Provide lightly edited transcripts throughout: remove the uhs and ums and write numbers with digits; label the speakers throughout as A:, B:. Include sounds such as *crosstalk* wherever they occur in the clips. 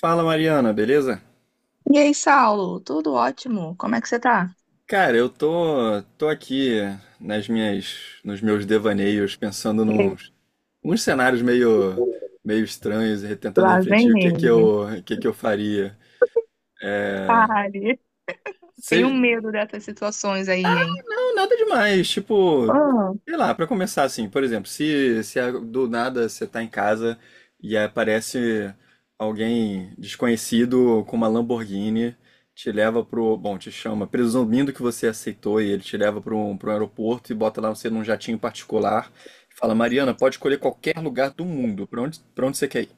A: Fala Mariana, beleza?
B: E aí, Saulo, tudo ótimo? Como é que você tá?
A: Cara, eu tô aqui nos meus devaneios, pensando
B: Ei,
A: nos uns cenários meio estranhos e tentando
B: lá vem
A: refletir
B: ele.
A: o que que eu faria.
B: Pare. Tenho medo dessas situações aí, hein?
A: Nada demais, tipo,
B: Ah,
A: sei lá, pra começar assim, por exemplo, se a- do nada você tá em casa e aparece alguém desconhecido com uma Lamborghini, te leva pro, bom, te chama, presumindo que você aceitou e ele te leva pro um aeroporto e bota lá você num jatinho particular e fala, Mariana, pode escolher qualquer lugar do mundo, pra onde você quer ir.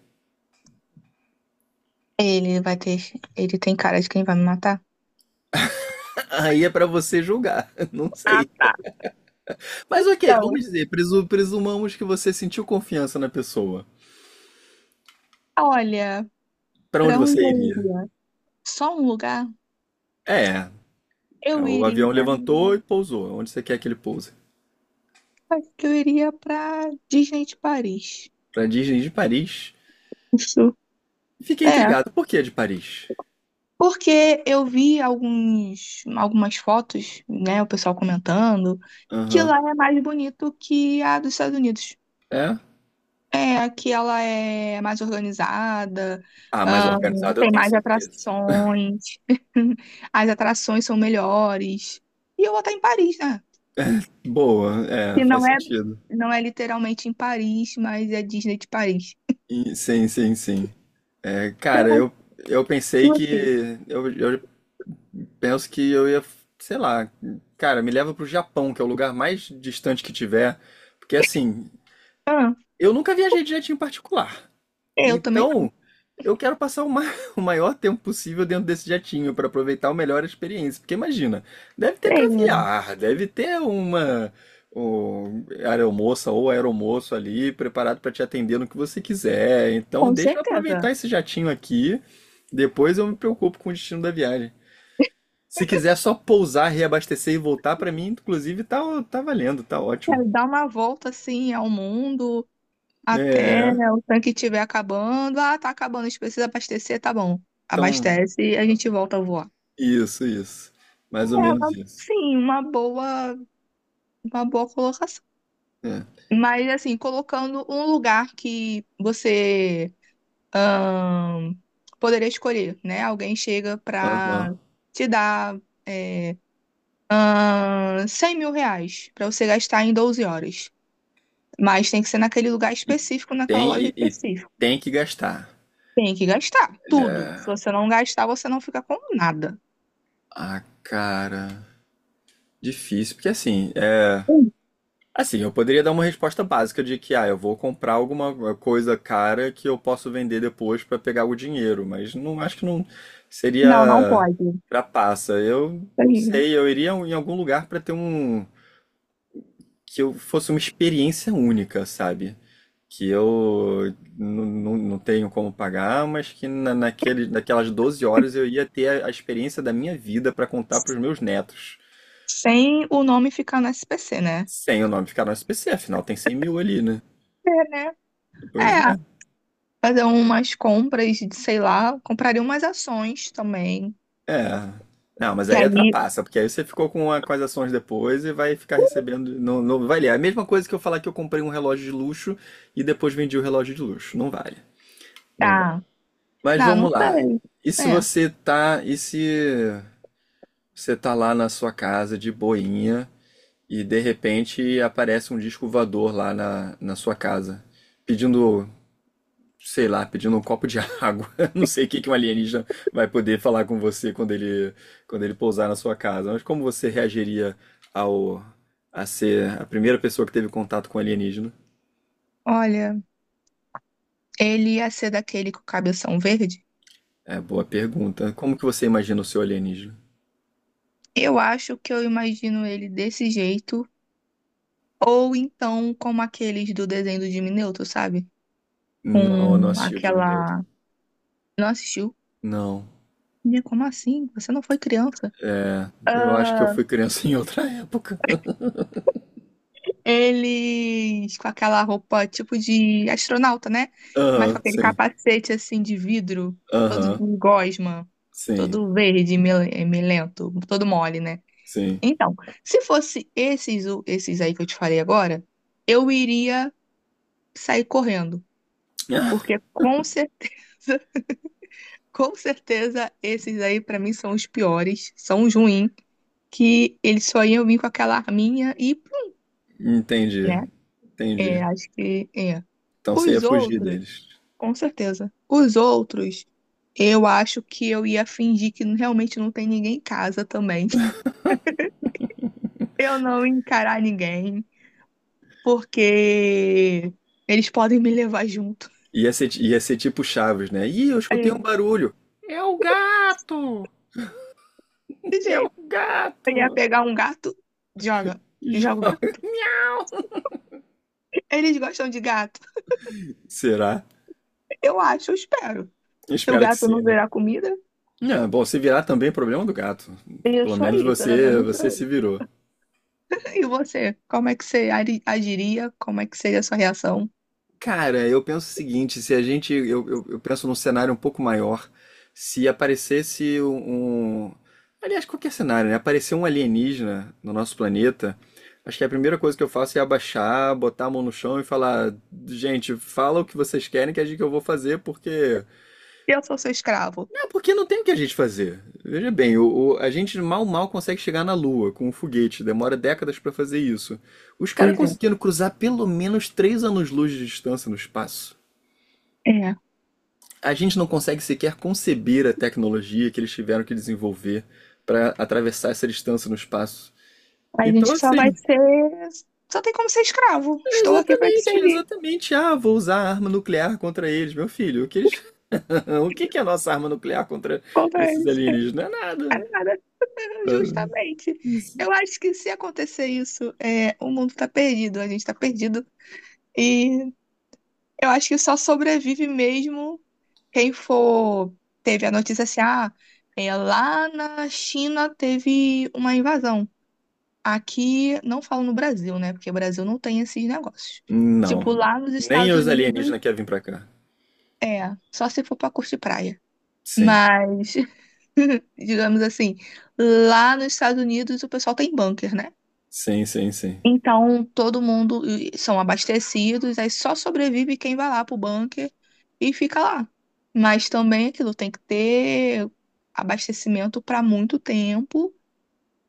B: ele vai ter. Ele tem cara de quem vai me matar?
A: *laughs* Aí é pra você julgar, *laughs* não
B: Ah,
A: sei.
B: tá.
A: Mas ok, vamos
B: Então,
A: dizer, presumamos que você sentiu confiança na pessoa.
B: olha,
A: Pra onde
B: pra onde
A: você
B: eu
A: iria?
B: iria? Só um lugar?
A: É,
B: Eu
A: o avião
B: iria.
A: levantou e pousou. Onde você quer que ele pouse?
B: Acho que eu iria pra Disney de Paris.
A: Pra Disney de Paris.
B: Isso.
A: Fiquei
B: É.
A: intrigado. Por que de Paris?
B: Porque eu vi algumas fotos, né, o pessoal comentando, que
A: Aham.
B: lá é mais bonito que a dos Estados Unidos.
A: É?
B: É, que ela é mais organizada,
A: Ah, mas organizado eu
B: tem
A: tenho
B: mais
A: certeza.
B: atrações, *laughs* as atrações são melhores. E eu vou estar em Paris, né?
A: Boa, é,
B: Que
A: faz
B: não é,
A: sentido.
B: não é literalmente em Paris, mas é Disney de Paris.
A: E sim, sim, sim. É,
B: Eu
A: cara,
B: acho
A: eu, eu
B: que
A: pensei que.
B: você-
A: Eu penso que eu ia, sei lá, cara, me leva pro Japão, que é o lugar mais distante que tiver. Porque assim,
B: Ah,
A: eu nunca viajei de jeitinho particular.
B: eu também não
A: Então, eu quero passar *laughs* o maior tempo possível dentro desse jatinho para aproveitar o melhor a experiência. Porque imagina, deve ter
B: sei,
A: caviar, deve ter uma aeromoça ou aeromoço ali preparado para te atender no que você quiser. Então,
B: com
A: deixa eu
B: certeza.
A: aproveitar esse jatinho aqui. Depois eu me preocupo com o destino da viagem. Se quiser só pousar, reabastecer e voltar, para mim, inclusive, tá valendo, tá ótimo.
B: Quero dar uma volta assim ao mundo. Até
A: É,
B: o tanque estiver acabando. Ah, tá acabando, a gente precisa abastecer, tá bom.
A: então,
B: Abastece e a gente volta a voar.
A: isso. Mais ou
B: É,
A: menos isso.
B: sim, uma boa colocação.
A: É.
B: Mas assim, colocando um lugar que você ahn, poderia escolher, né? Alguém chega
A: Aham.
B: pra te dar é, 100 mil reais pra você gastar em 12 horas. Mas tem que ser naquele lugar
A: E
B: específico, naquela
A: tem,
B: loja
A: e, e
B: específica.
A: tem que gastar.
B: Tem que gastar tudo. Se você não gastar, você não fica com nada.
A: Ah, cara. Difícil, porque assim, é.
B: Hum,
A: Assim, eu poderia dar uma resposta básica de que, ah, eu vou comprar alguma coisa cara que eu posso vender depois pra pegar o dinheiro, mas não acho que não
B: Não, não
A: seria
B: pode. Isso.
A: trapaça. Eu não
B: Aí.
A: sei, eu iria em algum lugar pra ter um. Que eu fosse uma experiência única, sabe? que eu não tenho como pagar, mas que naquelas 12 horas eu ia ter a experiência da minha vida para contar para os meus netos.
B: Sem o nome ficar no SPC, né?
A: Sem o nome ficar no SPC, afinal tem 100 mil ali, né?
B: É, né?
A: Pois
B: É,
A: é.
B: fazer umas compras, sei lá, compraria umas ações também.
A: É. Não, mas
B: E
A: aí
B: aí,
A: atrapassa, porque aí você ficou com as ações depois e vai ficar recebendo. Não, não vale. É a mesma coisa que eu falar que eu comprei um relógio de luxo e depois vendi o relógio de luxo. Não vale. Não vale.
B: tá,
A: Mas
B: não, não
A: vamos lá.
B: sei.
A: E se
B: É,
A: você tá. E se você tá lá na sua casa de boinha, e de repente aparece um disco voador na sua casa, pedindo, sei lá, pedindo um copo de água. *laughs* Não sei o que que um alienígena vai poder falar com você quando ele pousar na sua casa. Mas como você reagiria ao a ser a primeira pessoa que teve contato com alienígena?
B: olha, ele ia ser daquele com o cabeção verde?
A: É, boa pergunta. Como que você imagina o seu alienígena?
B: Eu acho que eu imagino ele desse jeito, ou então como aqueles do desenho do Jimmy Neutron, sabe?
A: Não, eu não
B: Com
A: assisti o Jimmy Neutron.
B: aquela. Não assistiu?
A: Não,
B: Minha, como assim? Você não foi criança?
A: eu acho que eu
B: Ah,
A: fui criança *laughs* em outra época.
B: eles com aquela roupa tipo de astronauta, né? Mas com
A: Aham,
B: aquele
A: sim.
B: capacete assim de vidro, todo de
A: Aham,
B: gosma,
A: sim,
B: todo verde, melento, todo mole, né?
A: sim.
B: Então, se fosse esses, esses aí que eu te falei agora, eu iria sair correndo,
A: *laughs*
B: porque com certeza, *laughs* com certeza esses aí pra mim são os piores, são os ruins, que eles só iam vir com aquela arminha e,
A: Entendi,
B: né?
A: entendi.
B: É, acho que é.
A: Então você ia
B: Os
A: fugir
B: outros,
A: deles.
B: com certeza. Os outros, eu acho que eu ia fingir que realmente não tem ninguém em casa também. *laughs* Eu não ia encarar ninguém, porque eles podem me levar junto.
A: Ia ser tipo Chaves, né? Ih, eu
B: É,
A: escutei um barulho. É o gato!
B: de
A: É o
B: jeito. Eu ia
A: gato!
B: pegar um gato, joga, joga o
A: *laughs*
B: gato. Eles gostam de gato.
A: Será?
B: Eu acho, eu espero. Se o
A: Espero que
B: gato
A: sim,
B: não
A: né?
B: virar comida,
A: Não, bom, se virar também é problema do gato. Pelo
B: isso
A: menos
B: aí, pelo
A: você,
B: menos
A: você se
B: eu.
A: virou.
B: E você? Como é que você agiria? Como é que seria a sua reação?
A: Cara, eu penso o seguinte, se a gente, eu penso num cenário um pouco maior, se aparecesse aliás, qualquer cenário, né? Aparecer um alienígena no nosso planeta, acho que a primeira coisa que eu faço é abaixar, botar a mão no chão e falar, gente, fala o que vocês querem que a gente que eu vou fazer,
B: Eu sou seu escravo.
A: porque não tem o que a gente fazer. Veja bem, a gente mal consegue chegar na Lua com um foguete, demora décadas pra fazer isso. Os caras
B: Pois é.
A: conseguindo cruzar pelo menos 3 anos-luz de distância no espaço.
B: É.
A: A gente não consegue sequer conceber a tecnologia que eles tiveram que desenvolver para atravessar essa distância no espaço.
B: A
A: Então,
B: gente só vai
A: assim,
B: ser. Só tem como ser escravo. Estou aqui para te
A: exatamente,
B: servir.
A: exatamente. Ah, vou usar a arma nuclear contra eles, meu filho. O que eles... *laughs* o que que é a nossa arma nuclear contra
B: Contra
A: esses
B: eles. É
A: alienígenas? Não é nada.
B: nada. *laughs*
A: Ah,
B: Justamente. Eu acho que se acontecer isso, o mundo tá perdido. A gente tá perdido. E eu acho que só sobrevive mesmo quem for. Teve a notícia assim, ah, lá na China teve uma invasão. Aqui, não falo no Brasil, né? Porque o Brasil não tem esses negócios.
A: não.
B: Tipo, lá nos
A: Nem
B: Estados
A: os
B: Unidos.
A: alienígenas querem vir pra cá.
B: É, só se for pra curtir praia.
A: Sim,
B: Mas, *laughs* digamos assim, lá nos Estados Unidos o pessoal tem bunker, né?
A: sim, sim, sim.
B: Então, todo mundo e são abastecidos, aí só sobrevive quem vai lá pro bunker e fica lá. Mas também aquilo tem que ter abastecimento para muito tempo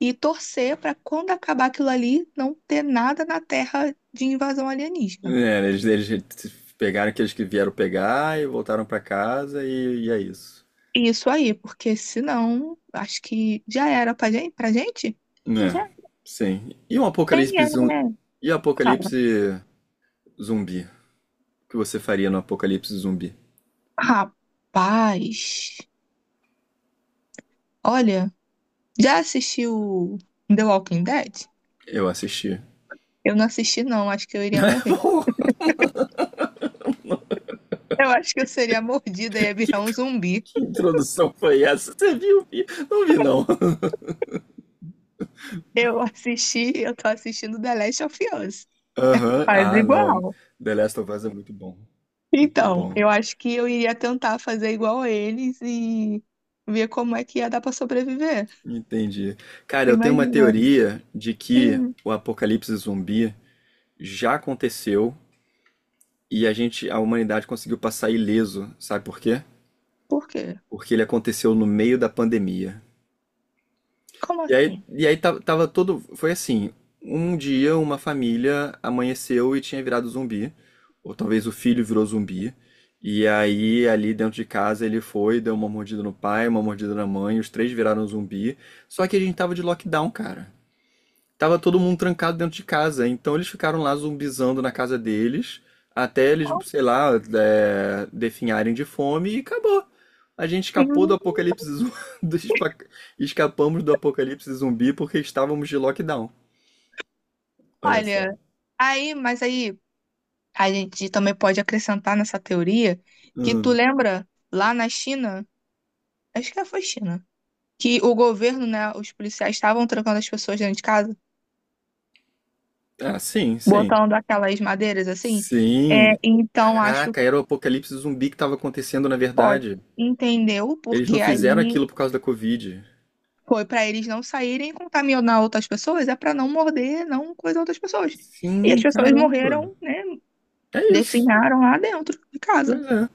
B: e torcer para quando acabar aquilo ali não ter nada na terra de invasão alienígena.
A: É, eles pegaram aqueles que vieram pegar e voltaram pra casa e é isso.
B: Isso aí, porque senão acho que já era pra gente, pra gente?
A: Né, sim. E um
B: Quem
A: apocalipse
B: é?
A: zumbi? E o
B: Fala.
A: apocalipse zumbi? O que você faria no apocalipse zumbi?
B: Rapaz, olha, já assistiu The Walking Dead?
A: Eu assisti.
B: Eu não assisti, não, acho que eu iria
A: *laughs*
B: morrer.
A: Pô,
B: Eu acho que eu seria mordida e ia
A: que,
B: virar um zumbi.
A: que introdução foi essa? Você viu? Não vi, não.
B: Eu assisti, eu tô assistindo The Last of Us.
A: Aham.
B: Faz
A: Ah, não.
B: igual.
A: The Last of Us é muito bom. Muito
B: Então,
A: bom.
B: eu acho que eu iria tentar fazer igual a eles e ver como é que ia dar pra sobreviver.
A: Entendi. Cara, eu tenho uma
B: Imagina.
A: teoria de que
B: Hum,
A: o apocalipse zumbi já aconteceu e a humanidade conseguiu passar ileso. Sabe por quê?
B: por quê?
A: Porque ele aconteceu no meio da pandemia.
B: Como assim?
A: E aí tava todo. Foi assim: um dia uma família amanheceu e tinha virado zumbi, ou talvez o filho virou zumbi. E aí, ali dentro de casa, ele foi, deu uma mordida no pai, uma mordida na mãe, os três viraram zumbi. Só que a gente tava de lockdown, cara. Tava todo mundo trancado dentro de casa, então eles ficaram lá zumbizando na casa deles, até eles, sei lá, é, definharem de fome e acabou. A gente escapou do
B: Hum,
A: apocalipse zumbi, *laughs* do espa- escapamos do apocalipse zumbi porque estávamos de lockdown. Olha só.
B: Olha, aí, mas aí. A gente também pode acrescentar nessa teoria que tu
A: Hum.
B: lembra lá na China, acho que foi China, que o governo, né, os policiais estavam trancando as pessoas dentro de casa,
A: Ah, sim, sim.
B: botando aquelas madeiras assim. É,
A: Sim.
B: então acho
A: Caraca,
B: que
A: era o apocalipse zumbi que estava acontecendo, na
B: pode.
A: verdade.
B: Entendeu?
A: Eles não
B: Porque aí
A: fizeram aquilo por causa da Covid.
B: foi para eles não saírem e contaminar outras pessoas, é para não morder, não coisa outras pessoas. E as
A: Sim,
B: pessoas
A: caramba.
B: morreram, né,
A: É isso.
B: definharam lá dentro de
A: Pois
B: casa.
A: é.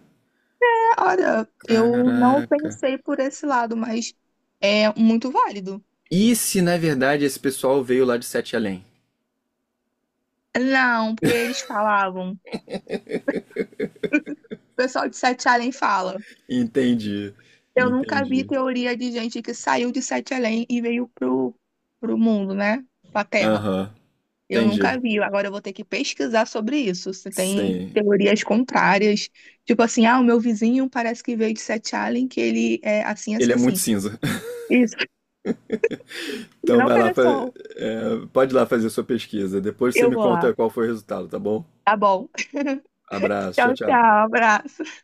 B: Cara, eu não
A: Caraca.
B: pensei por esse lado, mas é muito válido.
A: E se na verdade esse pessoal veio lá de Sete Além?
B: Não, porque eles falavam. O pessoal de Sete Além fala.
A: Entendi,
B: Eu nunca vi
A: entendi.
B: teoria de gente que saiu de Sete Além e veio pro mundo, né? Pra Terra.
A: Aham,
B: Eu
A: entendi.
B: nunca vi. Agora eu vou ter que pesquisar sobre isso. Se tem
A: Sim.
B: teorias contrárias. Tipo assim, ah, o meu vizinho parece que veio de Sete Além, que ele é assim,
A: Ele
B: assim,
A: é muito
B: assim.
A: cinza. *laughs*
B: Isso, *laughs*
A: Então
B: não
A: vai lá,
B: pega sol.
A: é, pode ir lá fazer sua pesquisa. Depois você
B: Eu
A: me
B: vou lá.
A: conta qual foi o resultado, tá bom?
B: Tá bom. *laughs*
A: Abraço,
B: Tchau,
A: tchau, tchau.
B: tchau. Abraço.